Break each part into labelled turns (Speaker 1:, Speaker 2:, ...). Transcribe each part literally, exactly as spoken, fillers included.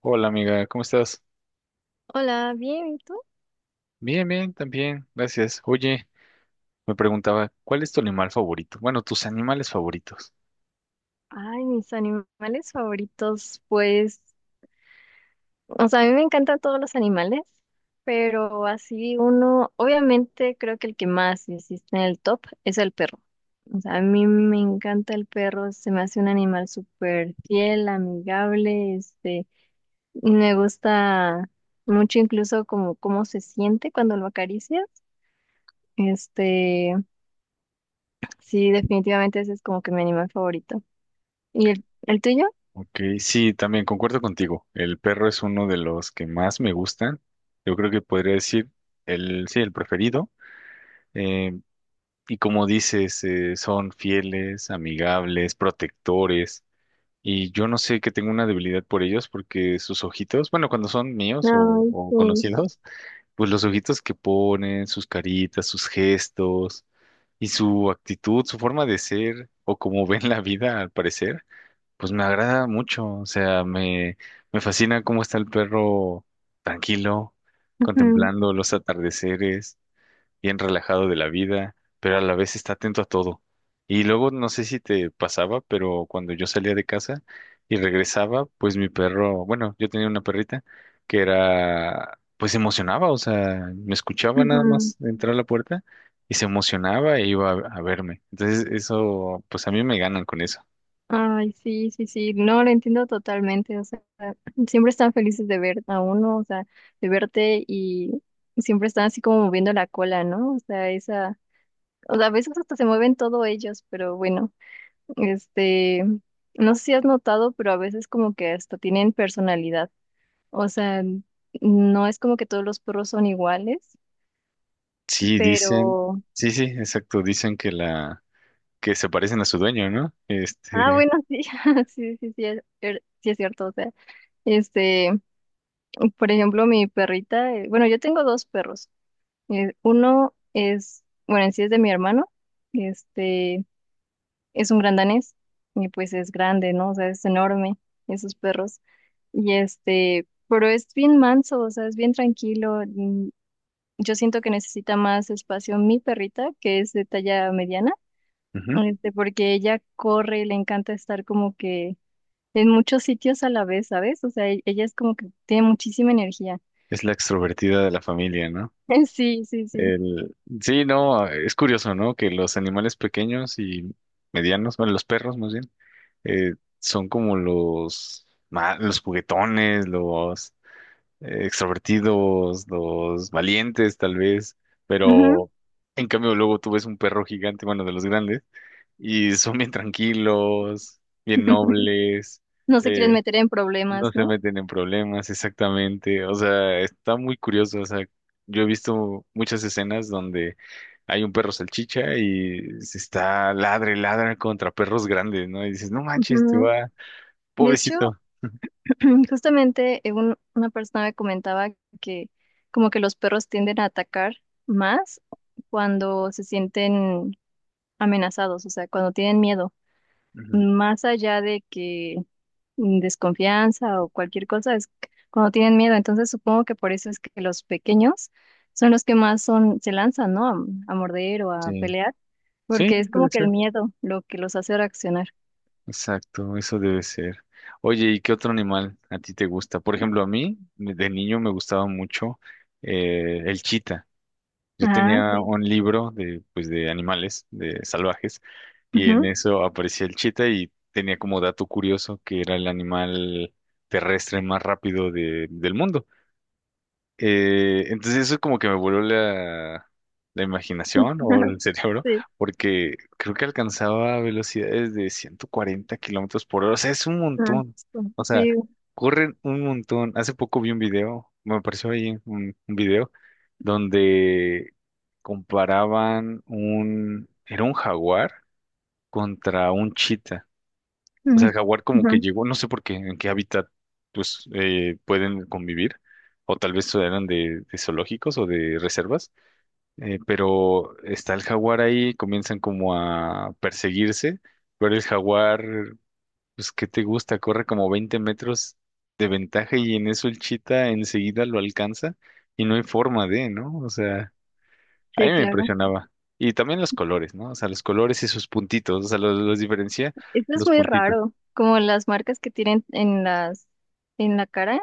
Speaker 1: Hola amiga, ¿cómo estás?
Speaker 2: Hola, bien, ¿y tú?
Speaker 1: Bien, bien, también, gracias. Oye, me preguntaba, ¿cuál es tu animal favorito? Bueno, tus animales favoritos.
Speaker 2: Ay, mis animales favoritos, pues, o sea, a mí me encantan todos los animales, pero así uno, obviamente creo que el que más existe en el top es el perro. O sea, a mí me encanta el perro, se me hace un animal súper fiel, amigable, este, y me gusta mucho incluso como cómo se siente cuando lo acaricias. Este, sí, definitivamente ese es como que mi animal favorito. ¿Y el, el tuyo?
Speaker 1: Ok, sí, también concuerdo contigo. El perro es uno de los que más me gustan. Yo creo que podría decir el, sí, el preferido. Eh, y como dices, eh, son fieles, amigables, protectores. Y yo no sé que tengo una debilidad por ellos porque sus ojitos, bueno, cuando son míos o
Speaker 2: Ay,
Speaker 1: o
Speaker 2: sí.
Speaker 1: conocidos. Pues los ojitos que ponen, sus caritas, sus gestos y su actitud, su forma de ser o cómo ven la vida al parecer, pues me agrada mucho. O sea, me, me fascina cómo está el perro tranquilo,
Speaker 2: Mm,
Speaker 1: contemplando los atardeceres bien relajado de la vida, pero a la vez está atento a todo. Y luego no sé si te pasaba, pero cuando yo salía de casa y regresaba, pues mi perro, bueno, yo tenía una perrita que era, pues se emocionaba, o sea, me escuchaba nada
Speaker 2: ujú.
Speaker 1: más entrar a la puerta y se emocionaba e iba a, a verme. Entonces eso, pues a mí me ganan con eso.
Speaker 2: Ay, sí, sí, sí, no, lo entiendo totalmente, o sea, siempre están felices de ver a uno, o sea, de verte y siempre están así como moviendo la cola, ¿no? O sea, esa, o sea, a veces hasta se mueven todos ellos, pero bueno, este, no sé si has notado, pero a veces como que hasta tienen personalidad, o sea, no es como que todos los perros son iguales,
Speaker 1: Sí, dicen,
Speaker 2: pero,
Speaker 1: sí, sí, exacto, dicen que la, que se parecen a su dueño, ¿no?
Speaker 2: ah,
Speaker 1: Este,
Speaker 2: bueno, sí, sí, sí, sí, es, er, sí es cierto, o sea, este... Por ejemplo, mi perrita, eh, bueno, yo tengo dos perros. Eh, uno es, bueno, en sí es de mi hermano, este, es un gran danés, y pues es grande, ¿no? O sea, es enorme, esos perros. Y este, pero es bien manso, o sea, es bien tranquilo. mm, Yo siento que necesita más espacio mi perrita, que es de talla mediana,
Speaker 1: ujú,
Speaker 2: este, porque ella corre, le encanta estar como que en muchos sitios a la vez, ¿sabes? O sea, e- ella es como que tiene muchísima energía.
Speaker 1: es la extrovertida de la familia, ¿no?
Speaker 2: Sí, sí, sí.
Speaker 1: El... Sí, no, es curioso, ¿no? Que los animales pequeños y medianos, bueno, los perros más bien, eh, son como los, ma- los juguetones, los eh, extrovertidos, los valientes tal vez,
Speaker 2: Ujú.
Speaker 1: pero en cambio luego tú ves un perro gigante, bueno, de los grandes, y son bien tranquilos, bien nobles.
Speaker 2: No se quieren
Speaker 1: eh,
Speaker 2: meter en
Speaker 1: no
Speaker 2: problemas,
Speaker 1: se
Speaker 2: ¿no?
Speaker 1: meten en problemas, exactamente. O sea, está muy curioso. O sea, yo he visto muchas escenas donde hay un perro salchicha y se está ladre, ladra contra perros grandes, ¿no? Y dices, no manches, te
Speaker 2: Ujú.
Speaker 1: va,
Speaker 2: De hecho,
Speaker 1: pobrecito.
Speaker 2: justamente eh, un- una persona me comentaba que como que los perros tienden a atacar más cuando se sienten amenazados, o sea, cuando tienen miedo,
Speaker 1: Ujú,
Speaker 2: más allá de que mm, desconfianza o cualquier cosa, es c- cuando tienen miedo. Entonces supongo que por eso es que los pequeños son los que más son, se lanzan, ¿no? A, a morder o a
Speaker 1: sí,
Speaker 2: pelear,
Speaker 1: sí,
Speaker 2: porque es
Speaker 1: debe
Speaker 2: como que el
Speaker 1: ser.
Speaker 2: miedo lo que los hace reaccionar.
Speaker 1: Exacto, eso debe ser. Oye, ¿y qué otro animal a ti te gusta? Por ejemplo, a mí, de niño me gustaba mucho eh, el chita. Yo
Speaker 2: Ah,
Speaker 1: tenía
Speaker 2: ok.
Speaker 1: un libro de, pues, de animales, de salvajes, y en
Speaker 2: Ujú.
Speaker 1: eso aparecía el chita y tenía como dato curioso que era el animal terrestre más rápido de- del mundo. Eh, entonces eso como que me voló la, la imaginación o el cerebro,
Speaker 2: Sí.
Speaker 1: porque creo que alcanzaba velocidades de ciento cuarenta kilómetros por hora. O sea, es un
Speaker 2: Ah,
Speaker 1: montón. O
Speaker 2: sí.
Speaker 1: sea,
Speaker 2: Sí.
Speaker 1: corren un montón. Hace poco vi un video, me apareció ahí un, un video donde comparaban un, era un jaguar contra un chita. O sea,
Speaker 2: Ujú.
Speaker 1: el jaguar como que
Speaker 2: Ujú.
Speaker 1: llegó, no sé por qué, en qué hábitat pues eh, pueden convivir, o tal vez eran de, de zoológicos o de reservas, eh, pero está el jaguar ahí, comienzan como a perseguirse, pero el jaguar, pues, ¿qué te gusta? Corre como veinte metros de ventaja y en eso el chita enseguida lo alcanza y no hay forma de, ¿no? O sea, a mí
Speaker 2: Sí,
Speaker 1: me
Speaker 2: claro.
Speaker 1: impresionaba. Y también los colores, ¿no? O sea, los colores y sus puntitos, o sea, los, los diferencia
Speaker 2: Esto es
Speaker 1: los
Speaker 2: muy
Speaker 1: puntitos.
Speaker 2: raro, como las marcas que tienen en las, en la cara,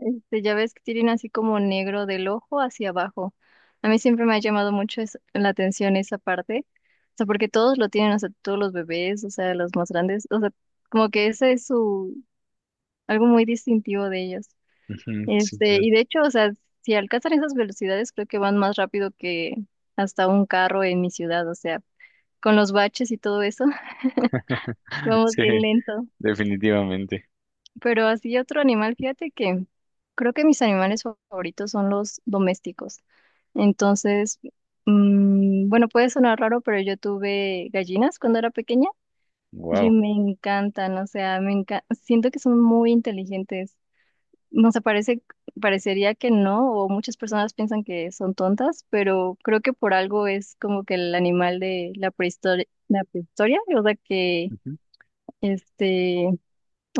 Speaker 2: este, ya ves que tienen así como negro del ojo hacia abajo. A mí siempre me ha llamado mucho es- la atención esa parte, o sea, porque todos lo tienen, o sea, todos los bebés, o sea, los más grandes, o sea, como que ese es su, algo muy distintivo de ellos.
Speaker 1: Ujú, sí,
Speaker 2: Este,
Speaker 1: claro.
Speaker 2: y de hecho, o sea, si alcanzan esas velocidades, creo que van más rápido que hasta un carro en mi ciudad, o sea, con los baches y todo eso, vamos
Speaker 1: Sí,
Speaker 2: bien lento.
Speaker 1: definitivamente.
Speaker 2: Pero así otro animal, fíjate que creo que mis animales favoritos son los domésticos. Entonces, mm, bueno, puede sonar raro, pero yo tuve gallinas cuando era pequeña y
Speaker 1: Wow.
Speaker 2: me encantan, o sea, me enca- siento que son muy inteligentes. No sé, parece, parecería que no, o muchas personas piensan que son tontas, pero creo que por algo es como que el animal de la prehistoria, la prehistoria, o sea, que,
Speaker 1: Ujú.
Speaker 2: este,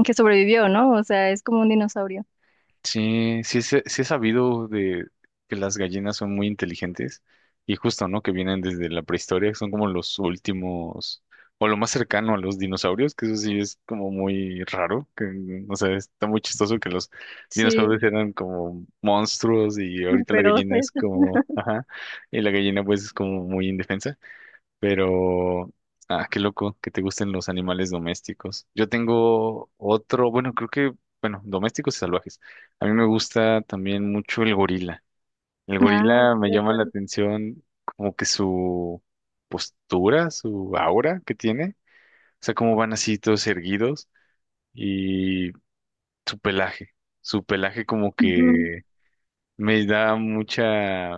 Speaker 2: que sobrevivió, ¿no? O sea, es como un dinosaurio.
Speaker 1: Sí, sí, sé- sí he sabido de que las gallinas son muy inteligentes y justo, ¿no? Que vienen desde la prehistoria, que son como los últimos o lo más cercano a los dinosaurios, que eso sí es como muy raro, que, mm, o sea, está muy chistoso que los
Speaker 2: Sí,
Speaker 1: dinosaurios eran como monstruos y ahorita la
Speaker 2: pero,
Speaker 1: gallina es como, ajá, y la gallina pues es como muy indefensa. Pero, ah, qué loco que te gusten los animales domésticos. Yo tengo otro, bueno, creo que, bueno, domésticos y salvajes. A mí me gusta también mucho el gorila. El
Speaker 2: ah,
Speaker 1: gorila me
Speaker 2: de
Speaker 1: llama la
Speaker 2: acuerdo.
Speaker 1: atención como que su postura, su aura que tiene, o sea, cómo van así todos erguidos y su pelaje. Su pelaje como
Speaker 2: Ujú.
Speaker 1: que me da mucha,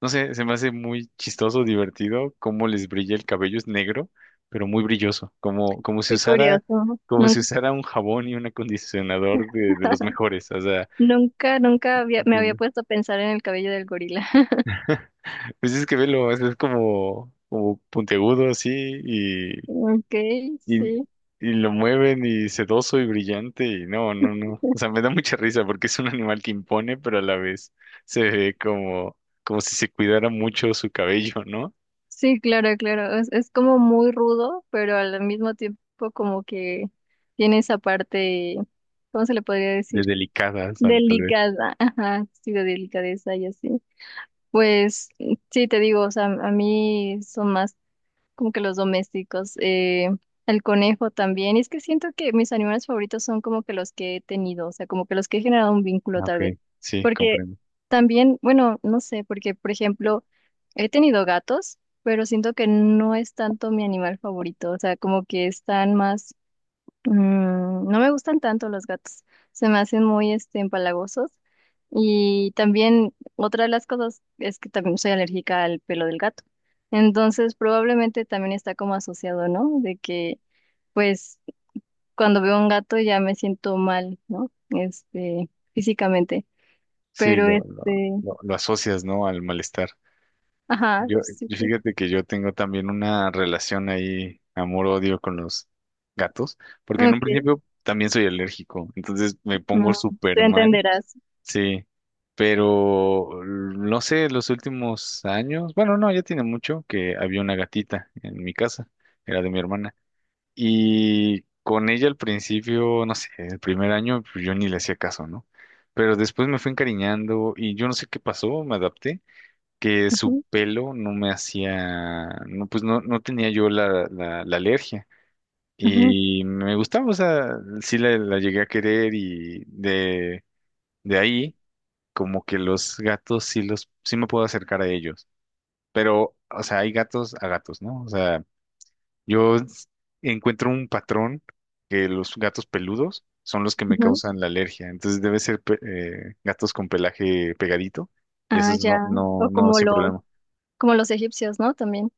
Speaker 1: no sé, se me hace muy chistoso, divertido, cómo les brilla el cabello, es negro, pero muy brilloso, como, como si
Speaker 2: Qué
Speaker 1: usara,
Speaker 2: curioso.
Speaker 1: como
Speaker 2: Nun-
Speaker 1: si usara un jabón y un acondicionador de, de los mejores, o sea,
Speaker 2: Nunca, nunca había, me había
Speaker 1: entiendo.
Speaker 2: puesto a pensar en el cabello del gorila.
Speaker 1: Pues es que velo, es, es como, como puntiagudo así, y,
Speaker 2: Ok,
Speaker 1: y,
Speaker 2: sí.
Speaker 1: y lo mueven y sedoso y brillante, y no, no, no, o sea, me da mucha risa porque es un animal que impone, pero a la vez se ve como, como si se cuidara mucho su cabello, ¿no?
Speaker 2: Sí, claro, claro. Es, es como muy rudo, pero al mismo tiempo como que tiene esa parte, ¿cómo se le podría
Speaker 1: De
Speaker 2: decir?
Speaker 1: delicadas, tal, tal vez.
Speaker 2: Delicada, ajá, sí, de delicadeza y así. Pues sí, te digo, o sea, a mí son más como que los domésticos, eh, el conejo también. Y es que siento que mis animales favoritos son como que los que he tenido, o sea, como que los que he generado un vínculo
Speaker 1: Ah, ok,
Speaker 2: tal vez.
Speaker 1: sí,
Speaker 2: Porque
Speaker 1: comprendo.
Speaker 2: también, bueno, no sé, porque por ejemplo, he tenido gatos, pero siento que no es tanto mi animal favorito, o sea, como que están más. Mm, no me gustan tanto los gatos, se me hacen muy este, empalagosos. Y también otra de las cosas es que también soy alérgica al pelo del gato. Entonces probablemente también está como asociado, ¿no? De que pues cuando veo un gato ya me siento mal, ¿no? Este, físicamente.
Speaker 1: Sí,
Speaker 2: Pero
Speaker 1: lo, lo,
Speaker 2: este,
Speaker 1: lo, lo asocias, ¿no? Al malestar.
Speaker 2: ajá,
Speaker 1: Yo,
Speaker 2: sí,
Speaker 1: yo
Speaker 2: sí.
Speaker 1: fíjate que yo tengo también una relación ahí, amor-odio con los gatos, porque en un
Speaker 2: Ok,
Speaker 1: principio también soy alérgico, entonces me pongo
Speaker 2: mm,
Speaker 1: súper
Speaker 2: te
Speaker 1: mal,
Speaker 2: entenderás.
Speaker 1: sí, pero no sé, los últimos años, bueno, no, ya tiene mucho que había una gatita en mi casa, era de mi hermana. Y con ella al principio, no sé, el primer año pues, yo ni le hacía caso, ¿no? Pero después me fui encariñando y yo no sé qué pasó, me adapté, que su
Speaker 2: Ujú,
Speaker 1: pelo no me hacía, no, pues no, no tenía yo la, la, la alergia.
Speaker 2: ujú,
Speaker 1: Y me gustaba, o sea, sí la, la llegué a querer y de, de ahí como que los gatos sí los, sí me puedo acercar a ellos. Pero, o sea, hay gatos a gatos, ¿no? O sea, yo s- encuentro un patrón que los gatos peludos son los que me
Speaker 2: ujú.
Speaker 1: causan la alergia. Entonces debe ser pe- eh, gatos con pelaje pegadito y
Speaker 2: Ah,
Speaker 1: esos no,
Speaker 2: ya.
Speaker 1: no,
Speaker 2: O
Speaker 1: no,
Speaker 2: como
Speaker 1: sin
Speaker 2: los,
Speaker 1: problema.
Speaker 2: como los egipcios, ¿no? También.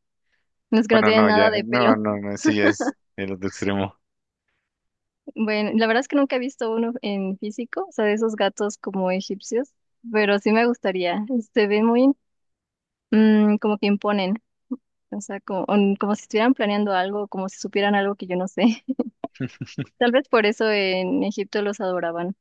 Speaker 2: Los que no
Speaker 1: Bueno,
Speaker 2: tienen
Speaker 1: no, ya,
Speaker 2: nada de
Speaker 1: no,
Speaker 2: pelo.
Speaker 1: no, no, ese ya es el otro extremo.
Speaker 2: Bueno, la verdad es que nunca he visto uno en físico, o sea, de esos gatos como egipcios, pero sí me gustaría. Se ven muy mm, como que imponen, o sea, como, on- como si estuvieran planeando algo, como si supieran algo que yo no sé. Tal vez por eso en Egipto los adoraban.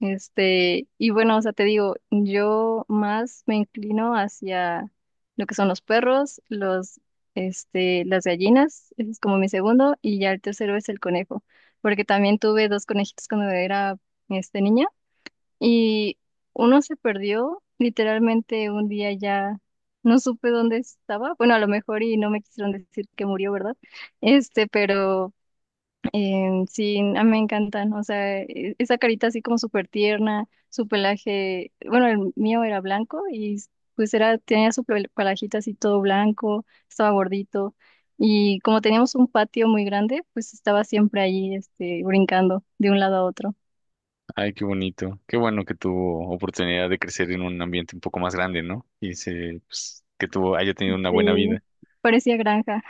Speaker 2: Este, y bueno, o sea, te digo, yo más me inclino hacia lo que son los perros, los, este, las gallinas, ese es como mi segundo, y ya el tercero es el conejo, porque también tuve dos conejitos cuando era, este, niña, y uno se perdió, literalmente un día ya no supe dónde estaba, bueno, a lo mejor y no me quisieron decir que murió, ¿verdad? Este, pero eh, sí, a mí me encantan, o sea, e- esa carita así como súper tierna, su pelaje, bueno, el mío era blanco y pues era, tenía su pel- pelajito así todo blanco, estaba gordito y como teníamos un patio muy grande, pues estaba siempre ahí, este, brincando de un lado a otro.
Speaker 1: Ay, qué bonito. Qué bueno que tuvo oportunidad de crecer en un ambiente un poco más grande, ¿no? Y se, pues, que tuvo, haya tenido una buena
Speaker 2: Sí,
Speaker 1: vida.
Speaker 2: parecía granja.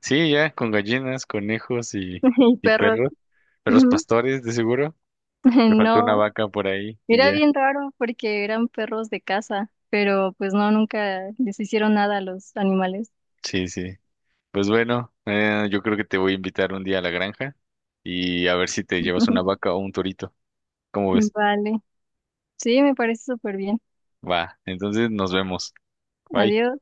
Speaker 1: Sí, ya, con gallinas, conejos y,
Speaker 2: Y
Speaker 1: y
Speaker 2: perros,
Speaker 1: perros, perros
Speaker 2: ujú.
Speaker 1: pastores, de seguro. Te faltó una
Speaker 2: No,
Speaker 1: vaca por ahí y
Speaker 2: era
Speaker 1: ya.
Speaker 2: bien raro porque eran perros de casa, pero pues no, nunca les hicieron nada a los animales.
Speaker 1: Sí, sí. Pues bueno, eh, yo creo que te voy a invitar un día a la granja y a ver si te llevas una vaca o un torito. ¿Cómo ves?
Speaker 2: Vale. Sí, me parece súper bien.
Speaker 1: Va, entonces nos vemos. Bye.
Speaker 2: Adiós.